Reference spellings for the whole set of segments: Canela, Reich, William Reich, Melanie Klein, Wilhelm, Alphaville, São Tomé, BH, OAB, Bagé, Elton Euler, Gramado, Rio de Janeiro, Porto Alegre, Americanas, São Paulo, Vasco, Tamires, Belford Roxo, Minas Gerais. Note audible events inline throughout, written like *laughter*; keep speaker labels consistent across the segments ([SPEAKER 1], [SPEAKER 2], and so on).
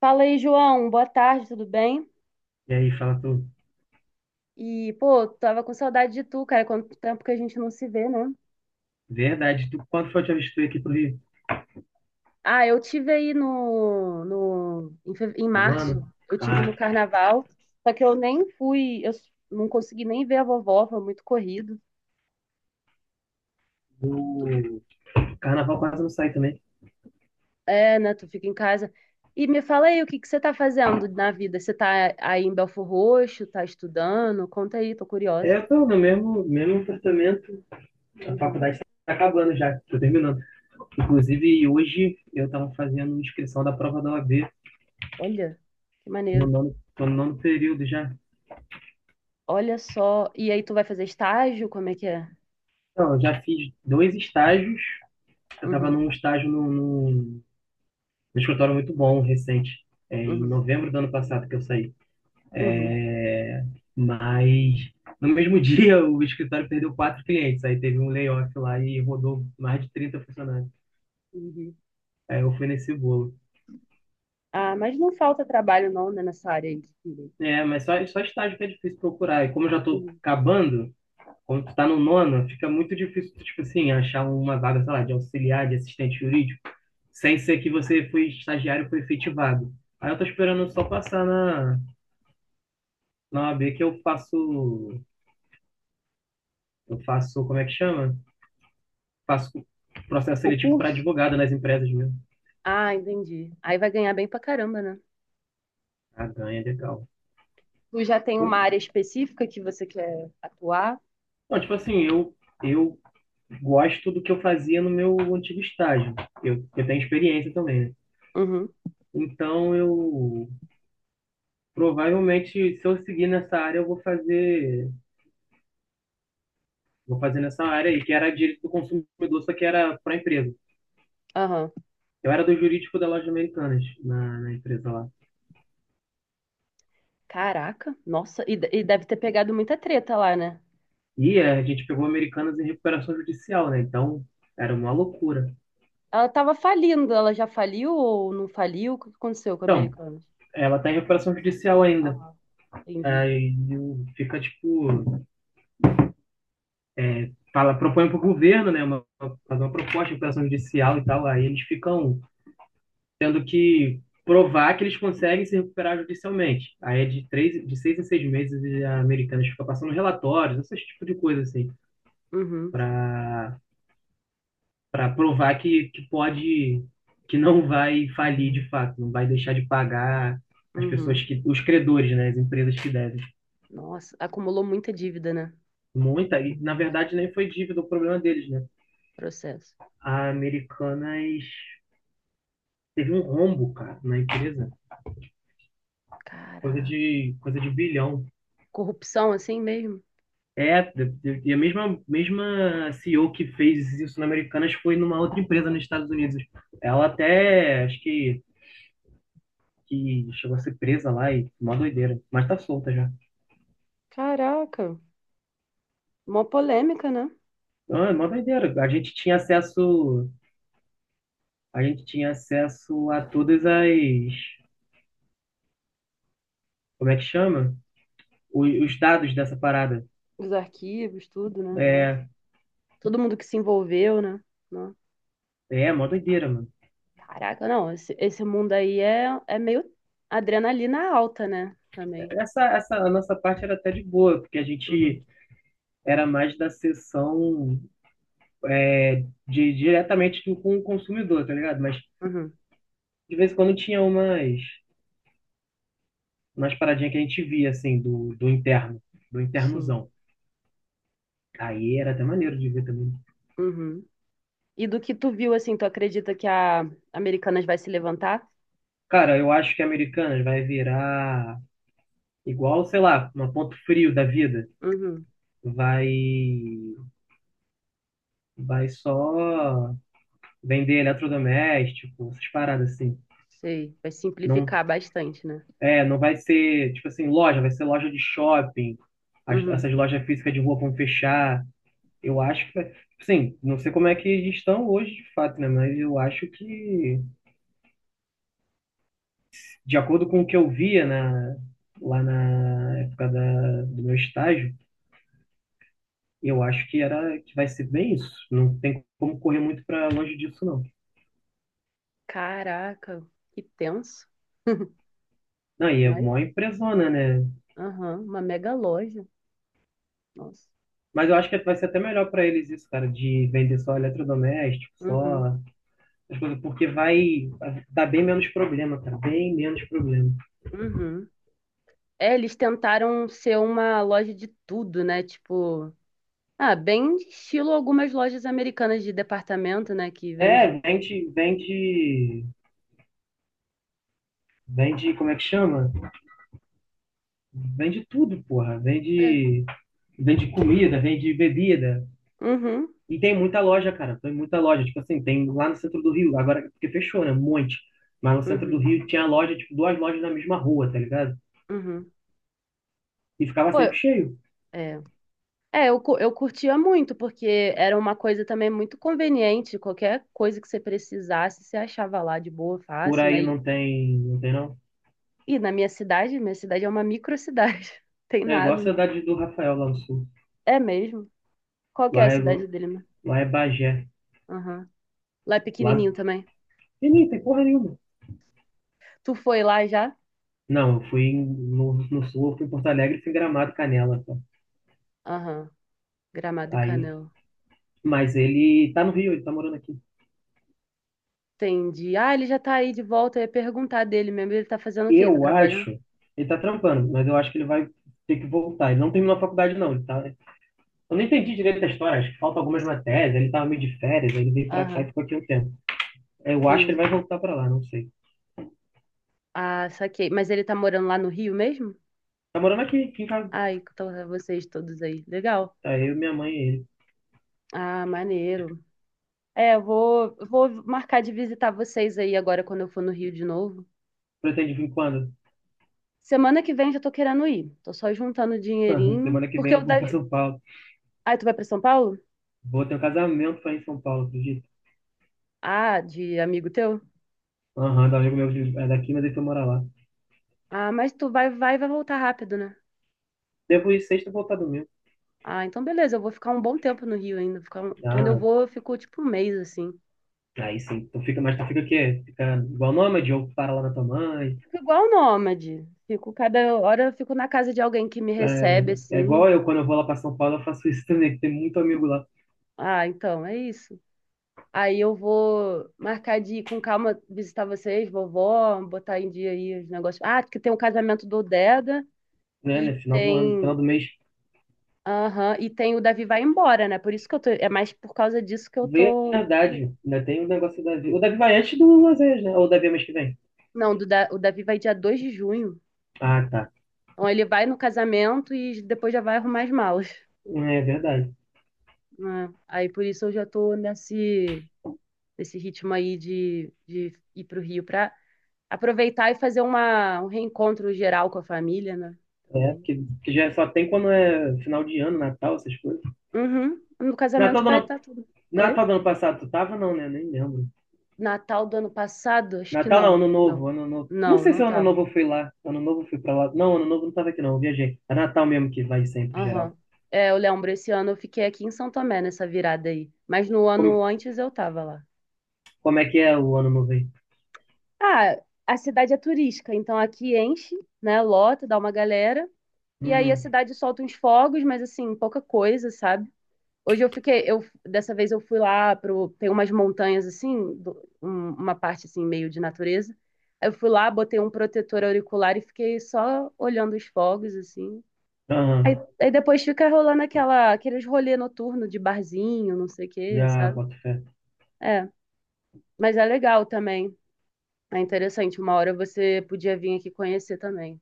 [SPEAKER 1] Fala aí, João. Boa tarde, tudo bem?
[SPEAKER 2] E aí, fala tu.
[SPEAKER 1] Pô, tava com saudade de tu, cara. Quanto tempo que a gente não se vê, né?
[SPEAKER 2] Verdade. Tu, quando foi a última vez que tu veio aqui pro Rio?
[SPEAKER 1] Ah, eu tive aí no, no em, fe- em
[SPEAKER 2] Tá do
[SPEAKER 1] março,
[SPEAKER 2] ano?
[SPEAKER 1] eu tive
[SPEAKER 2] Ah,
[SPEAKER 1] no carnaval, só que eu nem fui, não consegui nem ver a vovó, foi muito corrido.
[SPEAKER 2] o carnaval quase não sai também.
[SPEAKER 1] É, né? Tu fica em casa. E me fala aí, o que que você tá fazendo na vida? Você tá aí em Belford Roxo, tá estudando? Conta aí, tô curiosa.
[SPEAKER 2] É, pô, no mesmo apartamento. A
[SPEAKER 1] Uhum.
[SPEAKER 2] faculdade tá acabando já, tô terminando. Inclusive, hoje eu tava fazendo inscrição da prova da OAB.
[SPEAKER 1] Olha, que maneiro.
[SPEAKER 2] Tô no nono período já.
[SPEAKER 1] Olha só. E aí, tu vai fazer estágio? Como é que é?
[SPEAKER 2] Não, eu já fiz dois estágios. Eu tava
[SPEAKER 1] Uhum,
[SPEAKER 2] num estágio num escritório muito bom, recente. É, em
[SPEAKER 1] uhum,
[SPEAKER 2] novembro do ano passado que eu saí.
[SPEAKER 1] uhum,
[SPEAKER 2] Mas no mesmo *laughs* dia o escritório perdeu quatro clientes. Aí teve um layoff lá e rodou mais de 30 funcionários.
[SPEAKER 1] uhum.
[SPEAKER 2] Aí eu fui nesse bolo.
[SPEAKER 1] Ah, mas não falta trabalho não, né, nessa área aí de filho.
[SPEAKER 2] É, mas só estágio que é difícil procurar. E como eu já tô
[SPEAKER 1] Uhum.
[SPEAKER 2] acabando, quando tu tá no nono, fica muito difícil, tipo assim, achar uma vaga, sei lá, de auxiliar, de assistente jurídico, sem ser que você foi estagiário e foi efetivado. Aí eu tô esperando só passar na OAB que eu faço, como é que chama? Faço processo
[SPEAKER 1] O
[SPEAKER 2] seletivo para
[SPEAKER 1] curso?
[SPEAKER 2] advogado nas empresas mesmo.
[SPEAKER 1] Ah, entendi. Aí vai ganhar bem pra caramba, né?
[SPEAKER 2] Ah, ganha, legal.
[SPEAKER 1] Tu já tem uma
[SPEAKER 2] Eu-
[SPEAKER 1] área específica que você quer atuar?
[SPEAKER 2] Não, tipo assim, eu gosto do que eu fazia no meu antigo estágio. Eu tenho experiência também, né?
[SPEAKER 1] Uhum,
[SPEAKER 2] Então eu provavelmente, se eu seguir nessa área, eu vou fazer nessa área aí, que era direito do consumidor, só que era para empresa.
[SPEAKER 1] aham.
[SPEAKER 2] Eu era do jurídico da loja Americanas, na empresa lá.
[SPEAKER 1] Caraca, nossa, e deve ter pegado muita treta lá, né?
[SPEAKER 2] E é, a gente pegou Americanas em recuperação judicial, né? Então era uma loucura.
[SPEAKER 1] Ela tava falindo, ela já faliu ou não faliu? O que aconteceu com a
[SPEAKER 2] Então,
[SPEAKER 1] Americanas?
[SPEAKER 2] ela tá em recuperação judicial ainda.
[SPEAKER 1] Aham, entendi.
[SPEAKER 2] Fica tipo fala, propõe para o governo, né, fazer uma proposta de recuperação judicial e tal, aí eles ficam tendo que provar que eles conseguem se recuperar judicialmente. Aí é de seis em seis meses a Americanas ficam passando relatórios, esse tipo de coisa assim,
[SPEAKER 1] Uhum,
[SPEAKER 2] para para provar que não vai falir de fato, não vai deixar de pagar as pessoas
[SPEAKER 1] uhum.
[SPEAKER 2] que os credores, né, as empresas que devem.
[SPEAKER 1] Nossa, acumulou muita dívida, né?
[SPEAKER 2] Muita e na
[SPEAKER 1] Cara,
[SPEAKER 2] verdade nem foi dívida o problema deles, né?
[SPEAKER 1] processo.
[SPEAKER 2] A Americanas teve um rombo, cara, na empresa, coisa
[SPEAKER 1] Caraca.
[SPEAKER 2] de, coisa de bilhão.
[SPEAKER 1] Corrupção assim mesmo?
[SPEAKER 2] É, e a mesma CEO que fez isso na Americanas foi numa outra empresa nos Estados Unidos. Ela até, acho que chegou a ser presa lá e mó doideira, mas tá solta já.
[SPEAKER 1] Caraca, uma polêmica, né?
[SPEAKER 2] Não, é mó doideira. A gente tinha acesso a todas as, como é que chama? Os dados dessa parada.
[SPEAKER 1] Os arquivos, tudo, né? Nossa.
[SPEAKER 2] É,
[SPEAKER 1] Todo mundo que se envolveu, né? Nossa.
[SPEAKER 2] Mó doideira, mano.
[SPEAKER 1] Caraca, não, esse mundo aí é, é meio adrenalina alta, né? Também.
[SPEAKER 2] A nossa parte era até de boa, porque a
[SPEAKER 1] Uhum,
[SPEAKER 2] gente era mais da sessão de diretamente com o consumidor, tá ligado? Mas
[SPEAKER 1] uhum,
[SPEAKER 2] de vez em quando tinha umas paradinhas que a gente via, assim, do
[SPEAKER 1] sim.
[SPEAKER 2] internozão. Aí era até maneiro de ver também.
[SPEAKER 1] Uhum. E do que tu viu, assim, tu acredita que a Americanas vai se levantar?
[SPEAKER 2] Cara, eu acho que Americanas vai virar igual, sei lá, um ponto frio da vida.
[SPEAKER 1] Uhum,
[SPEAKER 2] Vai, vai só vender eletrodoméstico, essas paradas assim.
[SPEAKER 1] sei. Vai
[SPEAKER 2] Não,
[SPEAKER 1] simplificar bastante, né?
[SPEAKER 2] é, não vai ser, tipo assim, loja, vai ser loja de shopping.
[SPEAKER 1] Uhum.
[SPEAKER 2] Essas lojas físicas de rua vão fechar. Eu acho que, sim, não sei como é que eles estão hoje de fato, né? Mas eu acho que, de acordo com o que eu via lá na época do meu estágio, eu acho que era que vai ser bem isso. Não tem como correr muito para longe disso, não.
[SPEAKER 1] Caraca, que tenso. *laughs*
[SPEAKER 2] Não, e é
[SPEAKER 1] Mas,
[SPEAKER 2] mó empresona, né?
[SPEAKER 1] aham, uma mega loja. Nossa.
[SPEAKER 2] Mas eu acho que vai ser até melhor para eles isso, cara, de vender só eletrodoméstico,
[SPEAKER 1] Uhum,
[SPEAKER 2] só as coisas, porque vai dar bem menos problema, cara, bem menos problema.
[SPEAKER 1] uhum. É, eles tentaram ser uma loja de tudo, né? Tipo, ah, bem estilo algumas lojas americanas de departamento, né? Que
[SPEAKER 2] É,
[SPEAKER 1] vende.
[SPEAKER 2] vende, como é que chama? Vende tudo, porra.
[SPEAKER 1] É.
[SPEAKER 2] Vende comida, vende bebida.
[SPEAKER 1] Uhum,
[SPEAKER 2] E tem muita loja, cara. Tem muita loja. Tipo assim, tem lá no centro do Rio. Agora, porque fechou, né? Um monte. Mas no centro do
[SPEAKER 1] uhum,
[SPEAKER 2] Rio tinha loja, tipo, duas lojas na mesma rua, tá ligado?
[SPEAKER 1] uhum.
[SPEAKER 2] E ficava
[SPEAKER 1] Pô,
[SPEAKER 2] sempre
[SPEAKER 1] eu-
[SPEAKER 2] cheio.
[SPEAKER 1] é. É, eu curtia muito, porque era uma coisa também muito conveniente. Qualquer coisa que você precisasse, você achava lá de boa,
[SPEAKER 2] Por
[SPEAKER 1] fácil, né?
[SPEAKER 2] aí não tem, não tem não.
[SPEAKER 1] E na minha cidade é uma microcidade. *laughs* Tem
[SPEAKER 2] É igual a
[SPEAKER 1] nada, não.
[SPEAKER 2] cidade do Rafael lá no sul.
[SPEAKER 1] É mesmo? Qual que é a
[SPEAKER 2] Lá é,
[SPEAKER 1] cidade dele, né?
[SPEAKER 2] lá é Bagé.
[SPEAKER 1] Aham. Lá é
[SPEAKER 2] Lá
[SPEAKER 1] pequenininho também.
[SPEAKER 2] e nem tem porra nenhuma.
[SPEAKER 1] Tu foi lá já?
[SPEAKER 2] Não, eu fui no sul, eu fui em Porto Alegre, fui em Gramado, Canela. Tá?
[SPEAKER 1] Aham, Gramado e
[SPEAKER 2] Aí,
[SPEAKER 1] Canela.
[SPEAKER 2] mas ele tá no Rio, ele tá morando aqui.
[SPEAKER 1] Entendi. Ah, ele já tá aí de volta. Eu ia perguntar dele mesmo. Ele tá fazendo o quê? Tá
[SPEAKER 2] Eu
[SPEAKER 1] trabalhando?
[SPEAKER 2] acho, ele tá trampando, mas eu acho que ele vai ter que voltar. Ele não terminou a faculdade, não. Ele tá... Eu não entendi direito a história, acho que faltam algumas matérias. Ele tava meio de férias, aí ele veio pra cá e
[SPEAKER 1] Aham,
[SPEAKER 2] ficou aqui um tempo. Eu acho que
[SPEAKER 1] entendi.
[SPEAKER 2] ele vai voltar pra lá, não sei.
[SPEAKER 1] Ah, saquei. Mas ele tá morando lá no Rio mesmo?
[SPEAKER 2] Tá morando aqui, aqui em casa.
[SPEAKER 1] Ai, então é vocês todos aí. Legal.
[SPEAKER 2] Tá eu, minha mãe e ele.
[SPEAKER 1] Ah, maneiro. É, eu vou marcar de visitar vocês aí agora quando eu for no Rio de novo.
[SPEAKER 2] Pretende vir quando?
[SPEAKER 1] Semana que vem já tô querendo ir. Tô só juntando
[SPEAKER 2] *laughs*
[SPEAKER 1] dinheirinho.
[SPEAKER 2] Semana que
[SPEAKER 1] Porque
[SPEAKER 2] vem
[SPEAKER 1] eu
[SPEAKER 2] eu vou pra
[SPEAKER 1] deve.
[SPEAKER 2] São Paulo.
[SPEAKER 1] Ah, tu vai pra São Paulo?
[SPEAKER 2] Vou ter um casamento pra ir em São Paulo, acredito.
[SPEAKER 1] Ah, de amigo teu?
[SPEAKER 2] Aham, da amigo meu é daqui, mas ele foi morar lá.
[SPEAKER 1] Ah, mas tu vai, e vai voltar rápido, né?
[SPEAKER 2] Devo ir sexta e voltar domingo.
[SPEAKER 1] Ah, então beleza, eu vou ficar um bom tempo no Rio ainda. Quando eu
[SPEAKER 2] Ah,
[SPEAKER 1] vou, eu fico tipo um mês assim.
[SPEAKER 2] aí sim. Tu fica, mas tu fica o quê? Fica igual nômade ou para lá na tua mãe?
[SPEAKER 1] Fico igual nômade. Fico cada hora eu fico na casa de alguém que me recebe
[SPEAKER 2] É, é,
[SPEAKER 1] assim.
[SPEAKER 2] igual eu, quando eu vou lá para São Paulo, eu faço isso também, que tem muito amigo lá,
[SPEAKER 1] Ah, então é isso. Aí eu vou marcar de ir com calma visitar vocês, vovó, botar em dia aí os negócios. Ah, que tem o casamento do Deda
[SPEAKER 2] né,
[SPEAKER 1] e
[SPEAKER 2] né, final do ano,
[SPEAKER 1] tem,
[SPEAKER 2] final do mês.
[SPEAKER 1] aham, e tem o Davi vai embora, né? Por isso que eu tô, é mais por causa disso que eu tô.
[SPEAKER 2] Verdade, ainda tem o negócio do Davi. O Davi vai antes do Azevedo, né? Ou o Davi é mês que vem?
[SPEAKER 1] Não, o Davi vai dia 2 de junho.
[SPEAKER 2] Ah, tá.
[SPEAKER 1] Então ele vai no casamento e depois já vai arrumar as malas,
[SPEAKER 2] É verdade.
[SPEAKER 1] né? Aí por isso eu já tô nesse ritmo aí de ir pro Rio pra aproveitar e fazer uma, um reencontro geral com a família, né?
[SPEAKER 2] É,
[SPEAKER 1] Também.
[SPEAKER 2] porque já só tem quando é final de ano, Natal, essas coisas.
[SPEAKER 1] Uhum. No
[SPEAKER 2] Natal
[SPEAKER 1] casamento
[SPEAKER 2] do
[SPEAKER 1] vai
[SPEAKER 2] ano,
[SPEAKER 1] estar tudo. Oi?
[SPEAKER 2] Natal do ano passado, tu tava? Não, né? Nem lembro.
[SPEAKER 1] Natal do ano passado? Acho que
[SPEAKER 2] Natal não,
[SPEAKER 1] não.
[SPEAKER 2] Ano
[SPEAKER 1] Não.
[SPEAKER 2] Novo, Ano Novo. Não
[SPEAKER 1] Não,
[SPEAKER 2] sei se
[SPEAKER 1] não
[SPEAKER 2] Ano
[SPEAKER 1] tava.
[SPEAKER 2] Novo eu fui lá. Ano Novo eu fui pra lá. Não, Ano Novo eu não tava aqui, não. Eu viajei. É Natal mesmo que vai sempre, geral.
[SPEAKER 1] Aham. É, eu lembro, esse ano eu fiquei aqui em São Tomé nessa virada aí. Mas no
[SPEAKER 2] Como,
[SPEAKER 1] ano antes eu tava lá.
[SPEAKER 2] como é que é o Ano Novo aí?
[SPEAKER 1] Ah, a cidade é turística, então aqui enche, né? Lota, dá uma galera. E aí a
[SPEAKER 2] Uhum.
[SPEAKER 1] cidade solta uns fogos, mas assim, pouca coisa, sabe? Hoje eu fiquei, eu dessa vez eu fui lá pro, tem umas montanhas assim, uma parte assim meio de natureza. Aí eu fui lá, botei um protetor auricular e fiquei só olhando os fogos assim. Aí,
[SPEAKER 2] Aham.
[SPEAKER 1] aí depois fica rolando aquela, aqueles rolê noturno de barzinho, não sei o quê,
[SPEAKER 2] Já,
[SPEAKER 1] sabe?
[SPEAKER 2] boto fé.
[SPEAKER 1] É, mas é legal também. É interessante, uma hora você podia vir aqui conhecer também.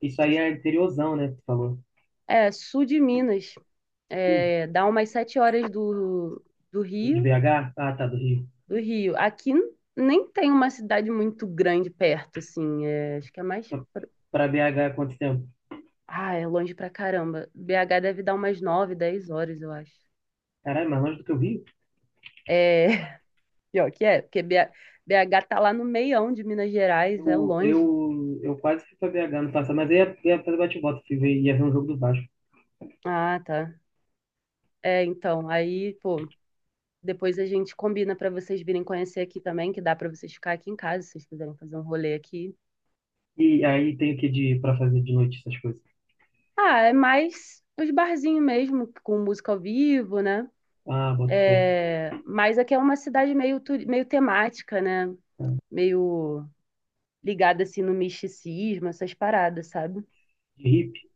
[SPEAKER 2] Isso aí
[SPEAKER 1] Vocês-
[SPEAKER 2] é interiorzão, né? Que tu falou.
[SPEAKER 1] é, sul de Minas,
[SPEAKER 2] Sul,
[SPEAKER 1] é, dá umas 7 horas do
[SPEAKER 2] de
[SPEAKER 1] Rio,
[SPEAKER 2] BH? Ah, tá, do Rio.
[SPEAKER 1] do Rio. Aqui nem tem uma cidade muito grande perto, assim, é, acho que é mais...
[SPEAKER 2] Pra
[SPEAKER 1] pro-
[SPEAKER 2] pra BH, é quanto tempo?
[SPEAKER 1] Ah, é longe pra caramba. BH deve dar umas 9, 10 horas, eu acho.
[SPEAKER 2] Caralho, mais longe do que o Rio?
[SPEAKER 1] É, *laughs* pior que é, porque BH tá lá no meião de Minas Gerais, é
[SPEAKER 2] Eu,
[SPEAKER 1] longe.
[SPEAKER 2] eu, eu quase fui pra BH no passado, mas aí ia fazer bate bota ia ver um jogo do Vasco.
[SPEAKER 1] Ah, tá. É, então, aí, pô, depois a gente combina pra vocês virem conhecer aqui também, que dá pra vocês ficar aqui em casa, se vocês quiserem fazer um rolê aqui.
[SPEAKER 2] E aí tem o que pra fazer de noite essas coisas?
[SPEAKER 1] Ah, é mais os barzinhos mesmo, com música ao vivo, né?
[SPEAKER 2] Ah, boto fé.
[SPEAKER 1] É... mas aqui é uma cidade meio, meio temática, né? Meio ligada assim no misticismo, essas paradas, sabe?
[SPEAKER 2] De hippie.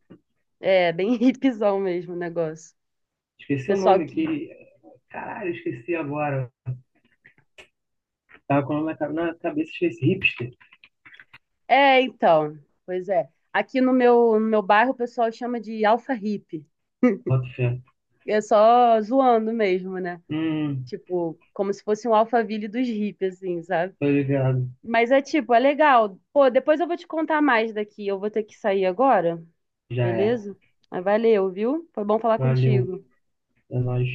[SPEAKER 1] É bem *laughs* hipzão mesmo o negócio.
[SPEAKER 2] Esqueci o
[SPEAKER 1] Pessoal
[SPEAKER 2] nome
[SPEAKER 1] que.
[SPEAKER 2] que. Caralho, esqueci agora. Tava com o nome na cabeça, esqueci. Hipster.
[SPEAKER 1] É, então. Pois é. Aqui no no meu bairro o pessoal chama de alfa hippie.
[SPEAKER 2] Boto fé.
[SPEAKER 1] É só zoando mesmo, né?
[SPEAKER 2] Hum,
[SPEAKER 1] Tipo, como se fosse um Alphaville dos hippies, assim, sabe?
[SPEAKER 2] tô ligado.
[SPEAKER 1] Mas é tipo, é legal. Pô, depois eu vou te contar mais daqui. Eu vou ter que sair agora,
[SPEAKER 2] Já é.
[SPEAKER 1] beleza? Mas valeu, viu? Foi bom falar
[SPEAKER 2] Valeu.
[SPEAKER 1] contigo.
[SPEAKER 2] É nóis.